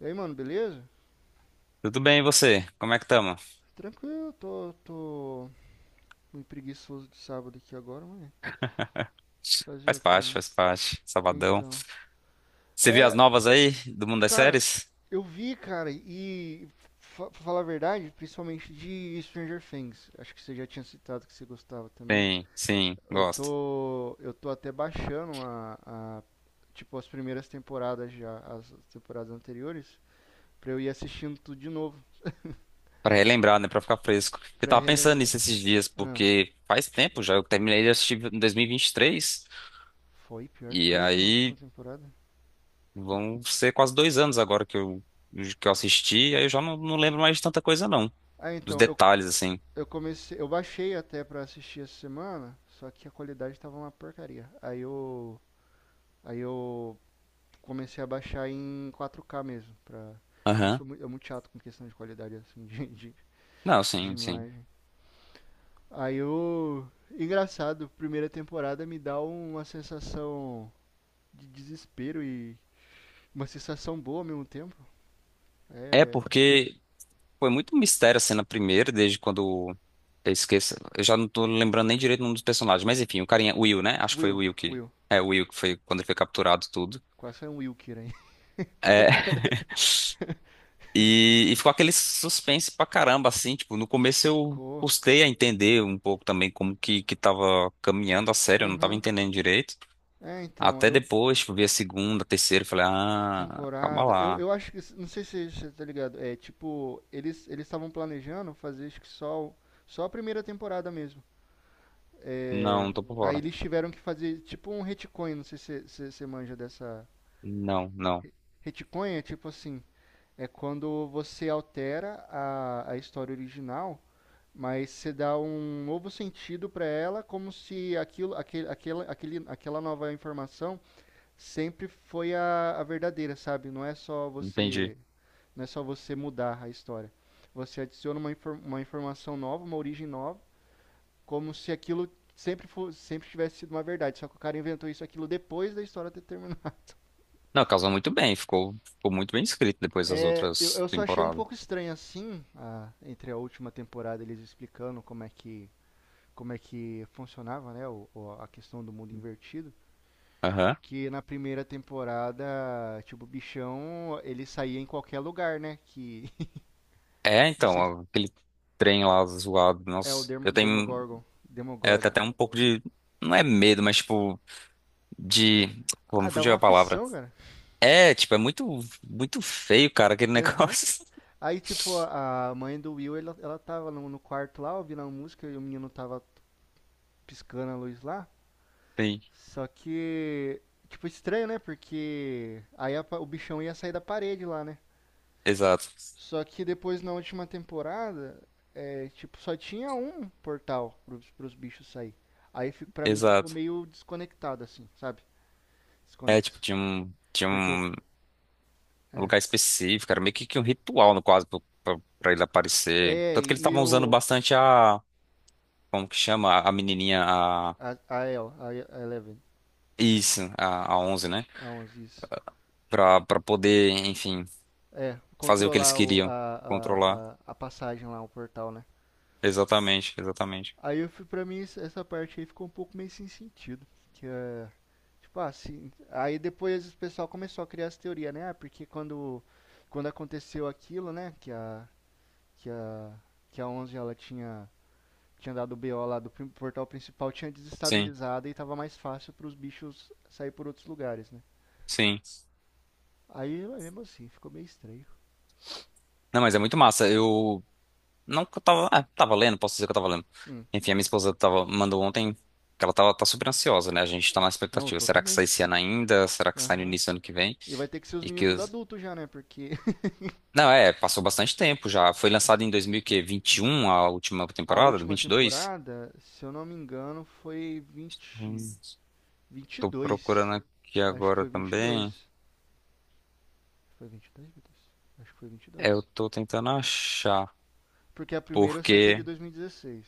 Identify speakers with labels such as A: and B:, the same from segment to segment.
A: E aí, mano, beleza?
B: Tudo bem, e você? Como é que tamo?
A: Tranquilo, tô meio preguiçoso de sábado aqui agora, mas fazer
B: Faz
A: o que,
B: parte,
A: né?
B: faz parte. Sabadão.
A: Então,
B: Você viu as
A: é,
B: novas aí do mundo das
A: cara,
B: séries?
A: eu vi, cara, e pra falar a verdade, principalmente de Stranger Things. Acho que você já tinha citado que você gostava também.
B: Sim, sim,
A: Eu
B: gosto.
A: tô, eu tô até baixando a tipo as primeiras temporadas já, as temporadas anteriores, pra eu ir assistindo tudo de novo,
B: Pra relembrar, né? Pra ficar fresco. Eu
A: pra
B: tava pensando
A: relembrar.
B: nisso esses dias,
A: Ah,
B: porque faz tempo já. Eu terminei de assistir em 2023.
A: foi
B: E
A: pior que
B: 23. E
A: foi, né, a última
B: aí
A: temporada.
B: vão ser quase 2 anos agora que eu assisti. Aí eu já não lembro mais de tanta coisa, não.
A: Ah,
B: Dos
A: então, eu,
B: detalhes, assim.
A: Eu comecei, eu baixei até pra assistir essa semana, só que a qualidade tava uma porcaria. Aí eu comecei a baixar em 4K mesmo, pra, porque eu
B: Aham.
A: sou muito, eu muito chato com questão de qualidade assim
B: Não,
A: de
B: sim, sim.
A: imagem. Aí eu, engraçado, primeira temporada me dá uma sensação de desespero e uma sensação boa ao mesmo tempo.
B: É
A: É,
B: porque foi muito mistério assim na primeira, desde quando eu esqueço. Eu já não tô lembrando nem direito o nome dos personagens, mas enfim, o carinha, o Will, né? Acho que foi o
A: Will,
B: Will que.
A: Will,
B: É, o Will que foi quando ele foi capturado tudo.
A: quase é um Wilker aí.
B: É, e ficou aquele suspense pra caramba, assim, tipo, no começo eu
A: Ficou.
B: custei a entender um pouco também como que tava caminhando a série, eu não tava
A: Aham.
B: entendendo direito.
A: É, então,
B: Até
A: eu
B: depois, tipo, vi a segunda, a terceira, eu falei, ah, calma
A: temporada.
B: lá.
A: Eu acho que. Não sei se você tá ligado. É tipo, eles estavam planejando fazer acho que só, só a primeira temporada mesmo. É,
B: Não, tô por
A: aí
B: fora.
A: eles tiveram que fazer tipo um retcon. Não sei se você manja dessa.
B: Não, não,
A: Retcon é tipo assim: é quando você altera a história original, mas você dá um novo sentido para ela, como se aquilo, aquele, aquela nova informação sempre foi a verdadeira, sabe? Não é só
B: entendi.
A: você. Não é só você mudar a história. Você adiciona uma, uma informação nova, uma origem nova, como se aquilo sempre, sempre tivesse sido uma verdade. Só que o cara inventou isso aquilo depois da história ter terminado.
B: Não, casou muito bem, ficou muito bem escrito depois das
A: É,
B: outras
A: eu só achei um
B: temporadas.
A: pouco estranho assim, entre a última temporada eles explicando como é que funcionava, né, o, a questão do mundo invertido.
B: Aham.
A: Porque na primeira temporada, tipo, o bichão, ele saía em qualquer lugar, né? Que.
B: É,
A: Não sei
B: então, aquele trem lá zoado,
A: é o
B: nossa, eu tenho
A: Demogorgon.
B: é, até
A: Demogorgon.
B: até um pouco de, não é medo, mas tipo, de, pô,
A: Ah,
B: me
A: dava
B: fugiu
A: uma
B: a palavra.
A: aflição, cara.
B: É, tipo, é muito, muito feio, cara, aquele
A: Aham.
B: negócio.
A: Aí, tipo, a mãe do Will, ela tava no quarto lá, ouvindo a música, e o menino tava piscando a luz lá.
B: Sim,
A: Só que, tipo, estranho, né? Porque aí o bichão ia sair da parede lá, né?
B: exato,
A: Só que depois, na última temporada, é, tipo, só tinha um portal pros bichos sair. Aí, pra mim, ficou
B: exato.
A: meio desconectado, assim, sabe?
B: É, tipo,
A: Desconexo.
B: tinha um, tinha
A: Porque o...
B: um
A: É,
B: lugar específico, era meio que um ritual, no quase, pra ele aparecer.
A: é
B: Tanto que eles
A: e
B: estavam usando
A: o...
B: bastante a, como que chama, a menininha,
A: A Eleven,
B: isso, a 11, né?
A: a onze isso.
B: Pra poder, enfim,
A: É,
B: fazer o que eles
A: controlar a,
B: queriam,
A: a,
B: controlar.
A: a, a passagem lá, o portal, né?
B: Exatamente, exatamente.
A: Aí eu fui, pra mim, essa parte aí ficou um pouco meio sem sentido. Que é. Tipo, assim. Aí depois o pessoal começou a criar essa teoria, né? Ah, porque quando, aconteceu aquilo, né? Que a, que a onze ela tinha, dado o BO lá do portal principal, tinha
B: Sim,
A: desestabilizado e tava mais fácil pros bichos sair por outros lugares, né?
B: sim.
A: Aí, mas mesmo assim, ficou meio estranho.
B: Não, mas é muito massa. Eu não que eu tava, tava lendo, posso dizer que eu tava lendo.
A: Hum.
B: Enfim, a minha esposa tava, mandou ontem que ela tava, tá super ansiosa, né? A gente tá na
A: Não, eu
B: expectativa.
A: tô
B: Será que sai
A: também.
B: esse ano ainda? Será que sai no
A: Aham.
B: início do ano que vem?
A: E vai ter que ser os
B: E
A: meninos
B: que
A: tudo
B: os...
A: adulto já, né? Porque
B: Não, é, passou bastante tempo já. Foi lançado em 2021 a última
A: a
B: temporada,
A: última
B: 22.
A: temporada, se eu não me engano, foi
B: Hum,
A: vinte e
B: Tô
A: dois
B: procurando aqui
A: Acho que
B: agora
A: foi vinte e
B: também.
A: dois Foi 22, meu Deus? Acho que foi vinte e
B: É,
A: dois.
B: eu tô tentando achar,
A: Porque a primeira eu sei que é de
B: porque
A: 2016.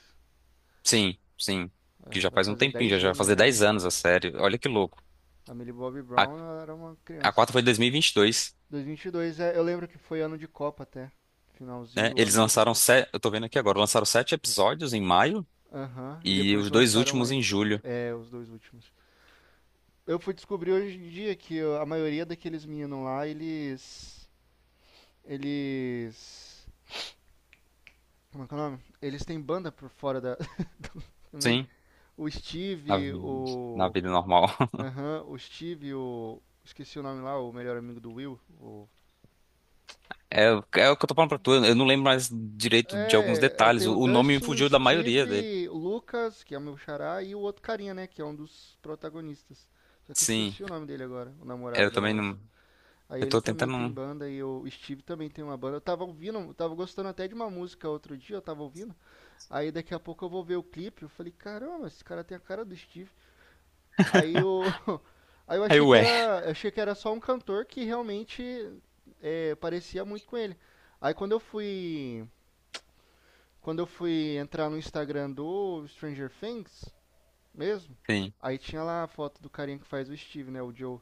B: sim, sim,
A: É,
B: que já
A: vai
B: faz um
A: fazer
B: tempinho, já,
A: 10
B: já vai
A: anos
B: fazer
A: já, né?
B: 10 anos a série. Olha que louco.
A: A Millie Bobby
B: A,
A: Brown era uma
B: a
A: criança.
B: 4 foi de dois mil e vinte e dois,
A: 2022, é, eu lembro que foi ano de Copa até. Finalzinho
B: né?
A: do
B: Eles
A: ano teve a
B: lançaram
A: Copa.
B: sete, eu tô vendo aqui agora, lançaram sete episódios em maio
A: Aham, uhum. E
B: e
A: depois
B: os dois
A: lançaram
B: últimos em
A: mais,
B: julho.
A: é, os dois últimos. Eu fui descobrir hoje em dia que a maioria daqueles meninos lá, eles. Eles. Como é que é o nome? Eles têm banda por fora da. Também.
B: Sim,
A: O
B: na,
A: Steve,
B: vi- na
A: o.
B: vida normal.
A: Aham, o Steve, o. Esqueci o nome lá, o melhor amigo do Will.
B: É, é o que eu tô falando pra tu, eu não lembro mais direito de alguns
A: É,
B: detalhes,
A: tem o
B: o nome me
A: Dustin,
B: fugiu da maioria dele.
A: Steve, o Lucas, que é o meu xará, e o outro carinha, né? Que é um dos protagonistas. Só que eu
B: Sim,
A: esqueci o nome dele agora, o
B: é,
A: namorado
B: eu
A: da
B: também
A: Onze.
B: não,
A: Aí
B: eu
A: ele
B: tô
A: também tem
B: tentando,
A: banda e o Steve também tem uma banda. Eu tava ouvindo, eu tava gostando até de uma música outro dia, eu tava ouvindo. Aí daqui a pouco eu vou ver o clipe, eu falei, caramba, esse cara tem a cara do Steve. Aí eu, aí eu
B: aí ué,
A: achei que era só um cantor que realmente é, parecia muito com ele. Aí quando eu fui entrar no Instagram do Stranger Things mesmo,
B: sim,
A: aí tinha lá a foto do carinha que faz o Steve, né, o Joe.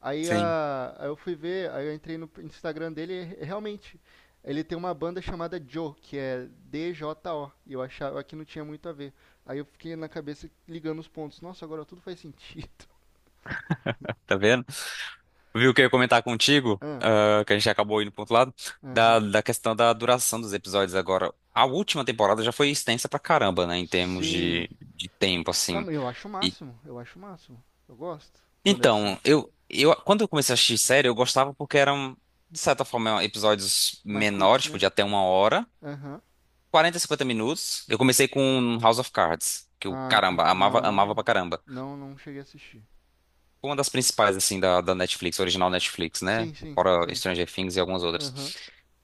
A: Aí,
B: sim.
A: a, aí eu fui ver, aí eu entrei no Instagram dele e realmente ele tem uma banda chamada Joe, que é DJO, e eu achava que não tinha muito a ver. Aí eu fiquei na cabeça ligando os pontos. Nossa, agora tudo faz sentido.
B: Tá vendo? Viu o que eu ia comentar contigo,
A: Ah,
B: que a gente acabou indo pro outro lado, da,
A: aham.
B: da questão da duração dos episódios agora. A última temporada já foi extensa pra caramba, né, em termos
A: Sim.
B: de tempo,
A: Não,
B: assim.
A: mas eu acho o
B: E,
A: máximo, eu acho o máximo. Eu gosto quando é assim.
B: então, quando eu comecei a assistir série, eu gostava porque eram, de certa forma, episódios
A: Mais curtos,
B: menores, tipo,
A: né?
B: de até 1 hora,
A: Aham.
B: 40 50 minutos. Eu comecei com House of Cards, que eu,
A: Ah, entendi.
B: caramba, amava,
A: Não,
B: amava pra
A: não,
B: caramba.
A: não, não cheguei a assistir.
B: Uma das principais, assim, da Netflix, original Netflix, né?
A: Sim, sim,
B: Fora
A: sim.
B: Stranger Things e algumas outras.
A: Aham.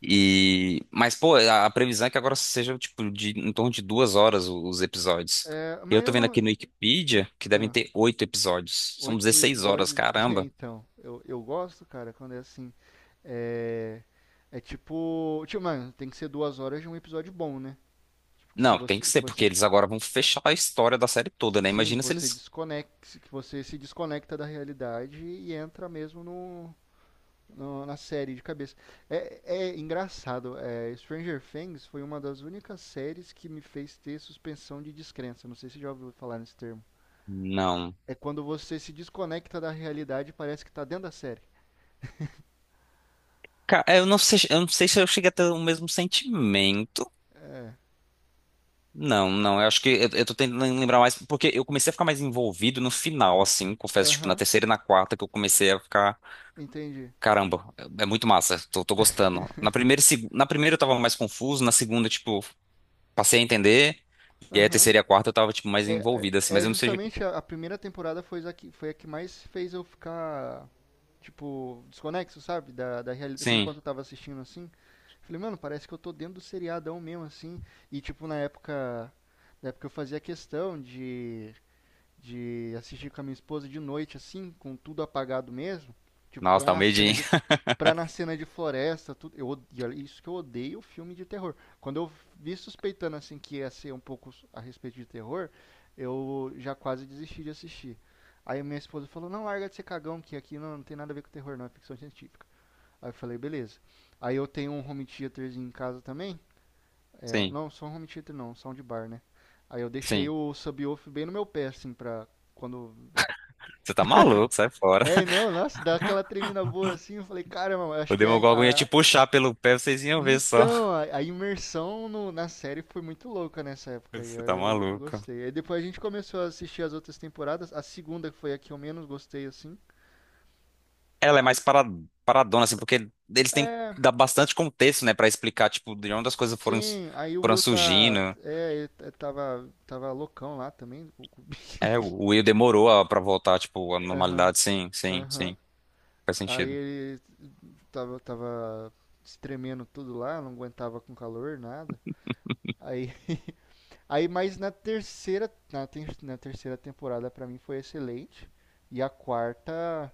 B: E... Mas, pô, a previsão é que agora seja, tipo, de, em torno de 2 horas os episódios.
A: É,
B: Eu
A: mas
B: tô
A: eu
B: vendo
A: não.
B: aqui no Wikipedia que devem
A: Ah.
B: ter oito episódios. São
A: Oito
B: 16 horas,
A: episódios. É,
B: caramba.
A: então, eu gosto, cara, quando é assim. É, é tipo, tipo, mano, tem que ser 2 horas de um episódio bom, né? Tipo, que se
B: Não, tem
A: você,
B: que
A: que
B: ser, porque
A: você,
B: eles agora vão fechar a história da série toda,
A: que
B: né?
A: sim, que
B: Imagina se
A: você
B: eles...
A: desconecta, que você se desconecta da realidade e entra mesmo no, na série de cabeça. É, é engraçado. É, Stranger Things foi uma das únicas séries que me fez ter suspensão de descrença. Não sei se já ouviu falar nesse termo.
B: Não.
A: É quando você se desconecta da realidade e parece que tá dentro da série.
B: Cara, eu não sei se eu cheguei a ter o mesmo sentimento. Não, não, eu acho que eu tô tentando lembrar mais, porque eu comecei a ficar mais envolvido no final, assim, confesso, tipo, na
A: Aham.
B: terceira e na quarta que eu comecei a ficar,
A: Entendi.
B: caramba, é muito massa, tô gostando. Na primeira, na primeira eu tava mais confuso, na segunda, tipo, passei a entender, e aí a
A: Aham.
B: terceira e a quarta eu tava, tipo, mais
A: É,
B: envolvido, assim,
A: é,
B: mas
A: é
B: eu não sei.
A: justamente a primeira temporada foi a que mais fez eu ficar, tipo, desconexo, sabe? Da realidade.
B: Sim,
A: Enquanto eu tava assistindo assim. Falei, mano, parece que eu tô dentro do seriadão mesmo, assim. E, tipo, na época. Na época eu fazia questão de assistir com a minha esposa de noite, assim, com tudo apagado mesmo. Tipo,
B: nossa, dá um medinho.
A: pra na cena de floresta, tudo. Eu, isso que eu odeio filme de terror. Quando eu vi suspeitando assim que ia ser um pouco a respeito de terror, eu já quase desisti de assistir. Aí minha esposa falou: "Não, larga de ser cagão, que aqui não, tem nada a ver com terror, não, é ficção científica". Aí eu falei: "Beleza". Aí eu tenho um home theaterzinho em casa também. É,
B: Sim,
A: não, só um home theater não, um soundbar, né? Aí eu deixei
B: sim.
A: o subwoofer bem no meu pé assim pra quando
B: Você tá maluco, sai fora.
A: é, não, nossa, dá aquela tremida boa assim. Eu falei, caramba, acho
B: O
A: que é
B: Demogorgon ia te puxar pelo pé, vocês iam ver só.
A: então, a imersão na série foi muito louca nessa época e
B: Você
A: aí
B: tá
A: eu
B: maluco.
A: gostei. Aí depois a gente começou a assistir as outras temporadas. A segunda foi a que eu menos gostei, assim.
B: Ela é
A: Aí,
B: mais paradona, assim, porque eles têm que
A: é,
B: dar bastante contexto, né, pra explicar, tipo, de onde as coisas foram,
A: sim, aí o
B: foram
A: Will tá.
B: surgindo.
A: É, é, tava loucão lá também.
B: É, o Will demorou pra voltar, tipo, à
A: Aham,
B: normalidade, sim, sim,
A: aham.
B: sim, faz
A: Aí
B: sentido.
A: ele tava se tremendo tudo lá, não aguentava com calor, nada. Aí, aí mas na terceira, na terceira temporada pra mim foi excelente. E a quarta,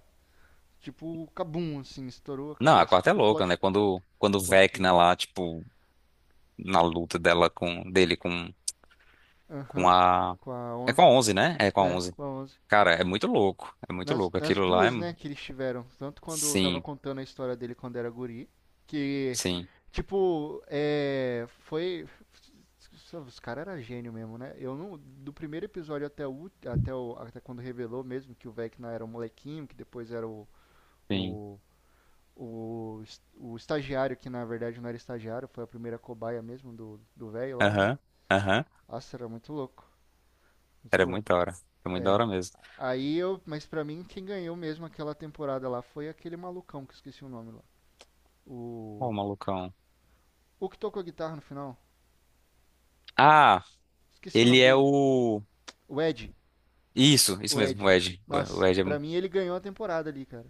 A: tipo, cabum, assim, estourou a
B: Não, a
A: cabeça.
B: quarta é
A: Tipo,
B: louca, né, quando o
A: plot
B: Vecna
A: twist.
B: lá, tipo, na luta dela com, dele com
A: Aham,
B: a...
A: com a
B: É com a
A: onze.
B: 11 né? É com a
A: É,
B: onze.
A: com a onze.
B: Cara, é muito
A: Nas,
B: louco,
A: nas
B: aquilo lá é...
A: duas, né, que eles tiveram. Tanto quando eu tava
B: Sim,
A: contando a história dele quando era guri, que,
B: sim,
A: tipo, é, foi... Os caras eram gênio mesmo, né? Eu não, do primeiro episódio até o, até o, até quando revelou mesmo que o Vecna era um molequinho, que depois era
B: sim,
A: o, o estagiário, que na verdade não era estagiário, foi a primeira cobaia mesmo do velho lá, né?
B: aham, aham,
A: Nossa, era muito louco, muito
B: era muito
A: louco.
B: da hora, era muito da
A: É.
B: hora mesmo.
A: Aí eu, mas pra mim quem ganhou mesmo aquela temporada lá foi aquele malucão que eu esqueci o nome lá.
B: Ô,
A: O
B: malucão.
A: o que tocou a guitarra no final?
B: Ah,
A: Esqueci o
B: ele
A: nome
B: é
A: dele.
B: o.
A: O Ed,
B: Isso
A: o
B: mesmo, o
A: Ed.
B: Ed. O
A: Nossa,
B: Ed é-
A: pra mim ele ganhou a temporada ali, cara.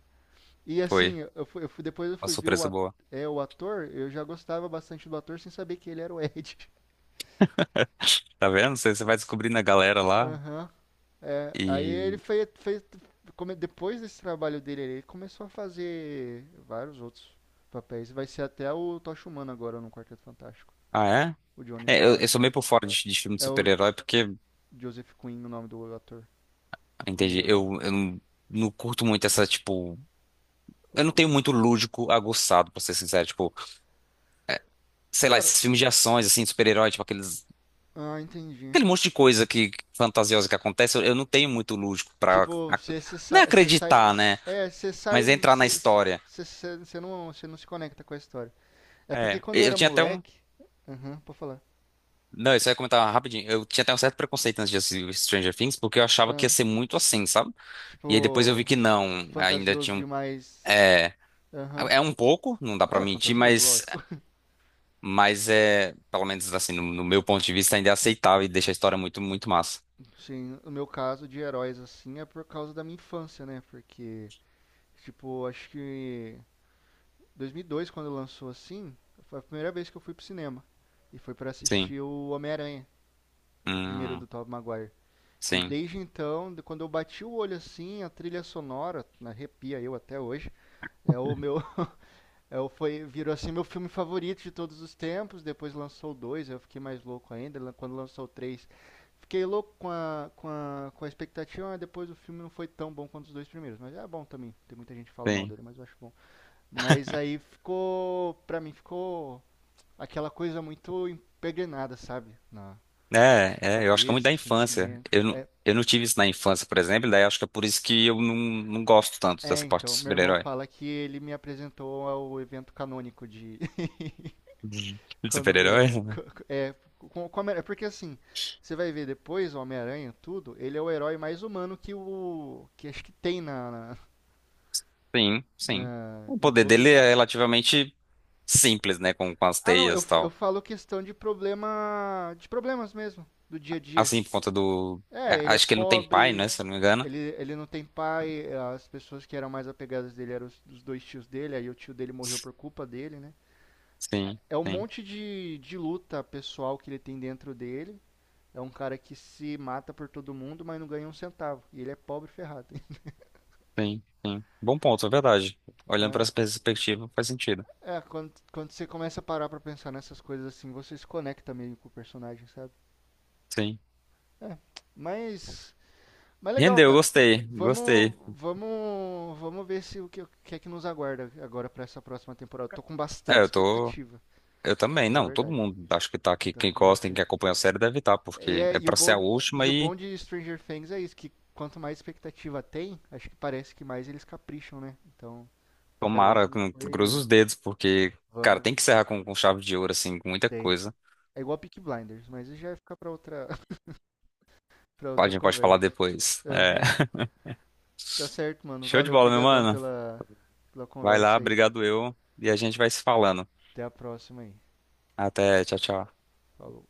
A: E
B: foi
A: assim, eu fui, depois eu
B: uma
A: fui ver o,
B: surpresa boa.
A: é, o ator, eu já gostava bastante do ator sem saber que ele era o Ed.
B: Tá vendo? Você vai descobrindo a galera lá
A: Aham. É, aí ele
B: e.
A: foi, depois desse trabalho dele, ele começou a fazer vários outros papéis. Vai ser até o Tocha Humana agora no Quarteto Fantástico.
B: Ah, é?
A: O Johnny
B: É, eu,
A: Storr.
B: eu sou meio
A: É,
B: por fora de filme de
A: é
B: super-herói porque,
A: Joseph Quinn o nome do ator.
B: ah,
A: Lembrei
B: entendi,
A: agora.
B: eu não, curto muito essa, tipo. Eu não tenho muito lúdico aguçado, pra ser sincero. Tipo, é, sei lá,
A: Cara,
B: esses filmes de ações, assim, de super-herói, tipo aqueles.
A: ah, entendi.
B: Aquele monte de coisa que fantasiosa que acontece, eu não tenho muito lúdico pra.
A: Tipo, você
B: Não
A: sai,
B: é
A: você sai,
B: acreditar, né?
A: é, você sai,
B: Mas é entrar na história.
A: você não se conecta com a história. É porque
B: É,
A: quando eu
B: eu
A: era
B: tinha até um.
A: moleque, aham, pode falar.
B: Não, isso aí eu ia comentar rapidinho. Eu tinha até um certo preconceito antes de assistir Stranger Things, porque eu achava que ia
A: Ah,
B: ser muito assim, sabe? E aí depois eu vi
A: tipo,
B: que não. Ainda
A: fantasioso
B: tinha um.
A: demais.
B: É,
A: Aham.
B: é, um pouco, não dá pra
A: É
B: mentir,
A: fantasioso, lógico.
B: mas é, pelo menos assim, no meu ponto de vista, ainda é aceitável e deixa a história muito, muito massa.
A: Sim, o meu caso de heróis assim é por causa da minha infância, né? Porque, tipo, acho que 2002 quando lançou assim, foi a primeira vez que eu fui pro cinema e foi pra
B: Sim.
A: assistir o Homem-Aranha, o primeiro
B: Hum,
A: do Tobey Maguire. E
B: sim,
A: desde então, quando eu bati o olho assim, a trilha sonora, né, arrepia eu até hoje, é o meu eu foi, virou assim meu filme favorito de todos os tempos. Depois lançou o dois, eu fiquei mais louco ainda. Quando lançou o três, fiquei louco com com a expectativa, mas depois o filme não foi tão bom quanto os dois primeiros. Mas é bom também. Tem muita gente que fala mal
B: sim.
A: dele, mas eu acho bom. Mas aí ficou, pra mim, ficou aquela coisa muito impregnada, sabe? Na
B: É, eu acho que é muito da
A: cabeça,
B: infância.
A: sentimento.
B: Eu não,
A: É,
B: eu não tive isso na infância, por exemplo, daí acho que é por isso que eu não gosto tanto
A: é,
B: dessa parte do
A: então, meu irmão
B: super-herói.
A: fala que ele me apresentou ao evento canônico de,
B: De
A: quando o Miranha.
B: super-herói?
A: É, com o. Porque assim, você vai ver depois o Homem-Aranha, tudo, ele é o herói mais humano que o. Que acho que tem na.
B: Sim, sim.
A: Na-
B: O
A: em
B: poder dele
A: todos.
B: é relativamente simples, né? Com as
A: Ah, não,
B: teias e
A: eu
B: tal.
A: falo questão de problema. De problemas mesmo, do dia a dia.
B: Assim, por conta do.
A: É, ele é
B: Acho que ele não tem pai,
A: pobre,
B: né? Se eu não me engano.
A: ele não tem pai, as pessoas que eram mais apegadas dele eram os dois tios dele, aí o tio dele morreu por culpa dele, né?
B: Sim,
A: É um
B: sim,
A: monte de luta pessoal que ele tem dentro dele. É um cara que se mata por todo mundo, mas não ganha um centavo. E ele é pobre ferrado.
B: sim, sim. Bom ponto, é verdade. Olhando para
A: É.
B: essa perspectiva, faz sentido.
A: É, quando você começa a parar pra pensar nessas coisas assim, você se conecta meio com o personagem, sabe?
B: Sim.
A: É. Mas. Mas legal,
B: Rendeu,
A: cara.
B: gostei,
A: Vamos.
B: gostei.
A: Vamos. Vamos ver se o que, o que é que nos aguarda agora pra essa próxima temporada. Tô com
B: É,
A: bastante
B: eu tô.
A: expectativa, pra
B: Eu também.
A: falar a
B: Não, todo
A: verdade.
B: mundo acho que tá aqui.
A: Tô
B: Quem
A: com
B: gosta, quem
A: bastante.
B: acompanha a série deve estar,
A: E,
B: porque
A: é,
B: é pra ser a última
A: e o
B: e
A: bom de Stranger Things é isso, que quanto mais expectativa tem, acho que parece que mais eles capricham, né? Então. Até hoje
B: tomara,
A: não
B: cruza
A: foi.
B: os dedos, porque, cara, tem
A: Vamos,
B: que encerrar com chave de ouro, assim, com muita
A: tem.
B: coisa.
A: É igual Peak Blinders, mas isso já vai ficar pra outra, pra
B: A
A: outra
B: gente pode falar
A: conversa.
B: depois. É.
A: Aham. Tá certo, mano.
B: Show de
A: Valeu,
B: bola, meu
A: brigadão
B: mano.
A: pela
B: Vai lá,
A: conversa aí.
B: obrigado eu. E a gente vai se falando.
A: Até a próxima aí.
B: Até, tchau, tchau.
A: Falou.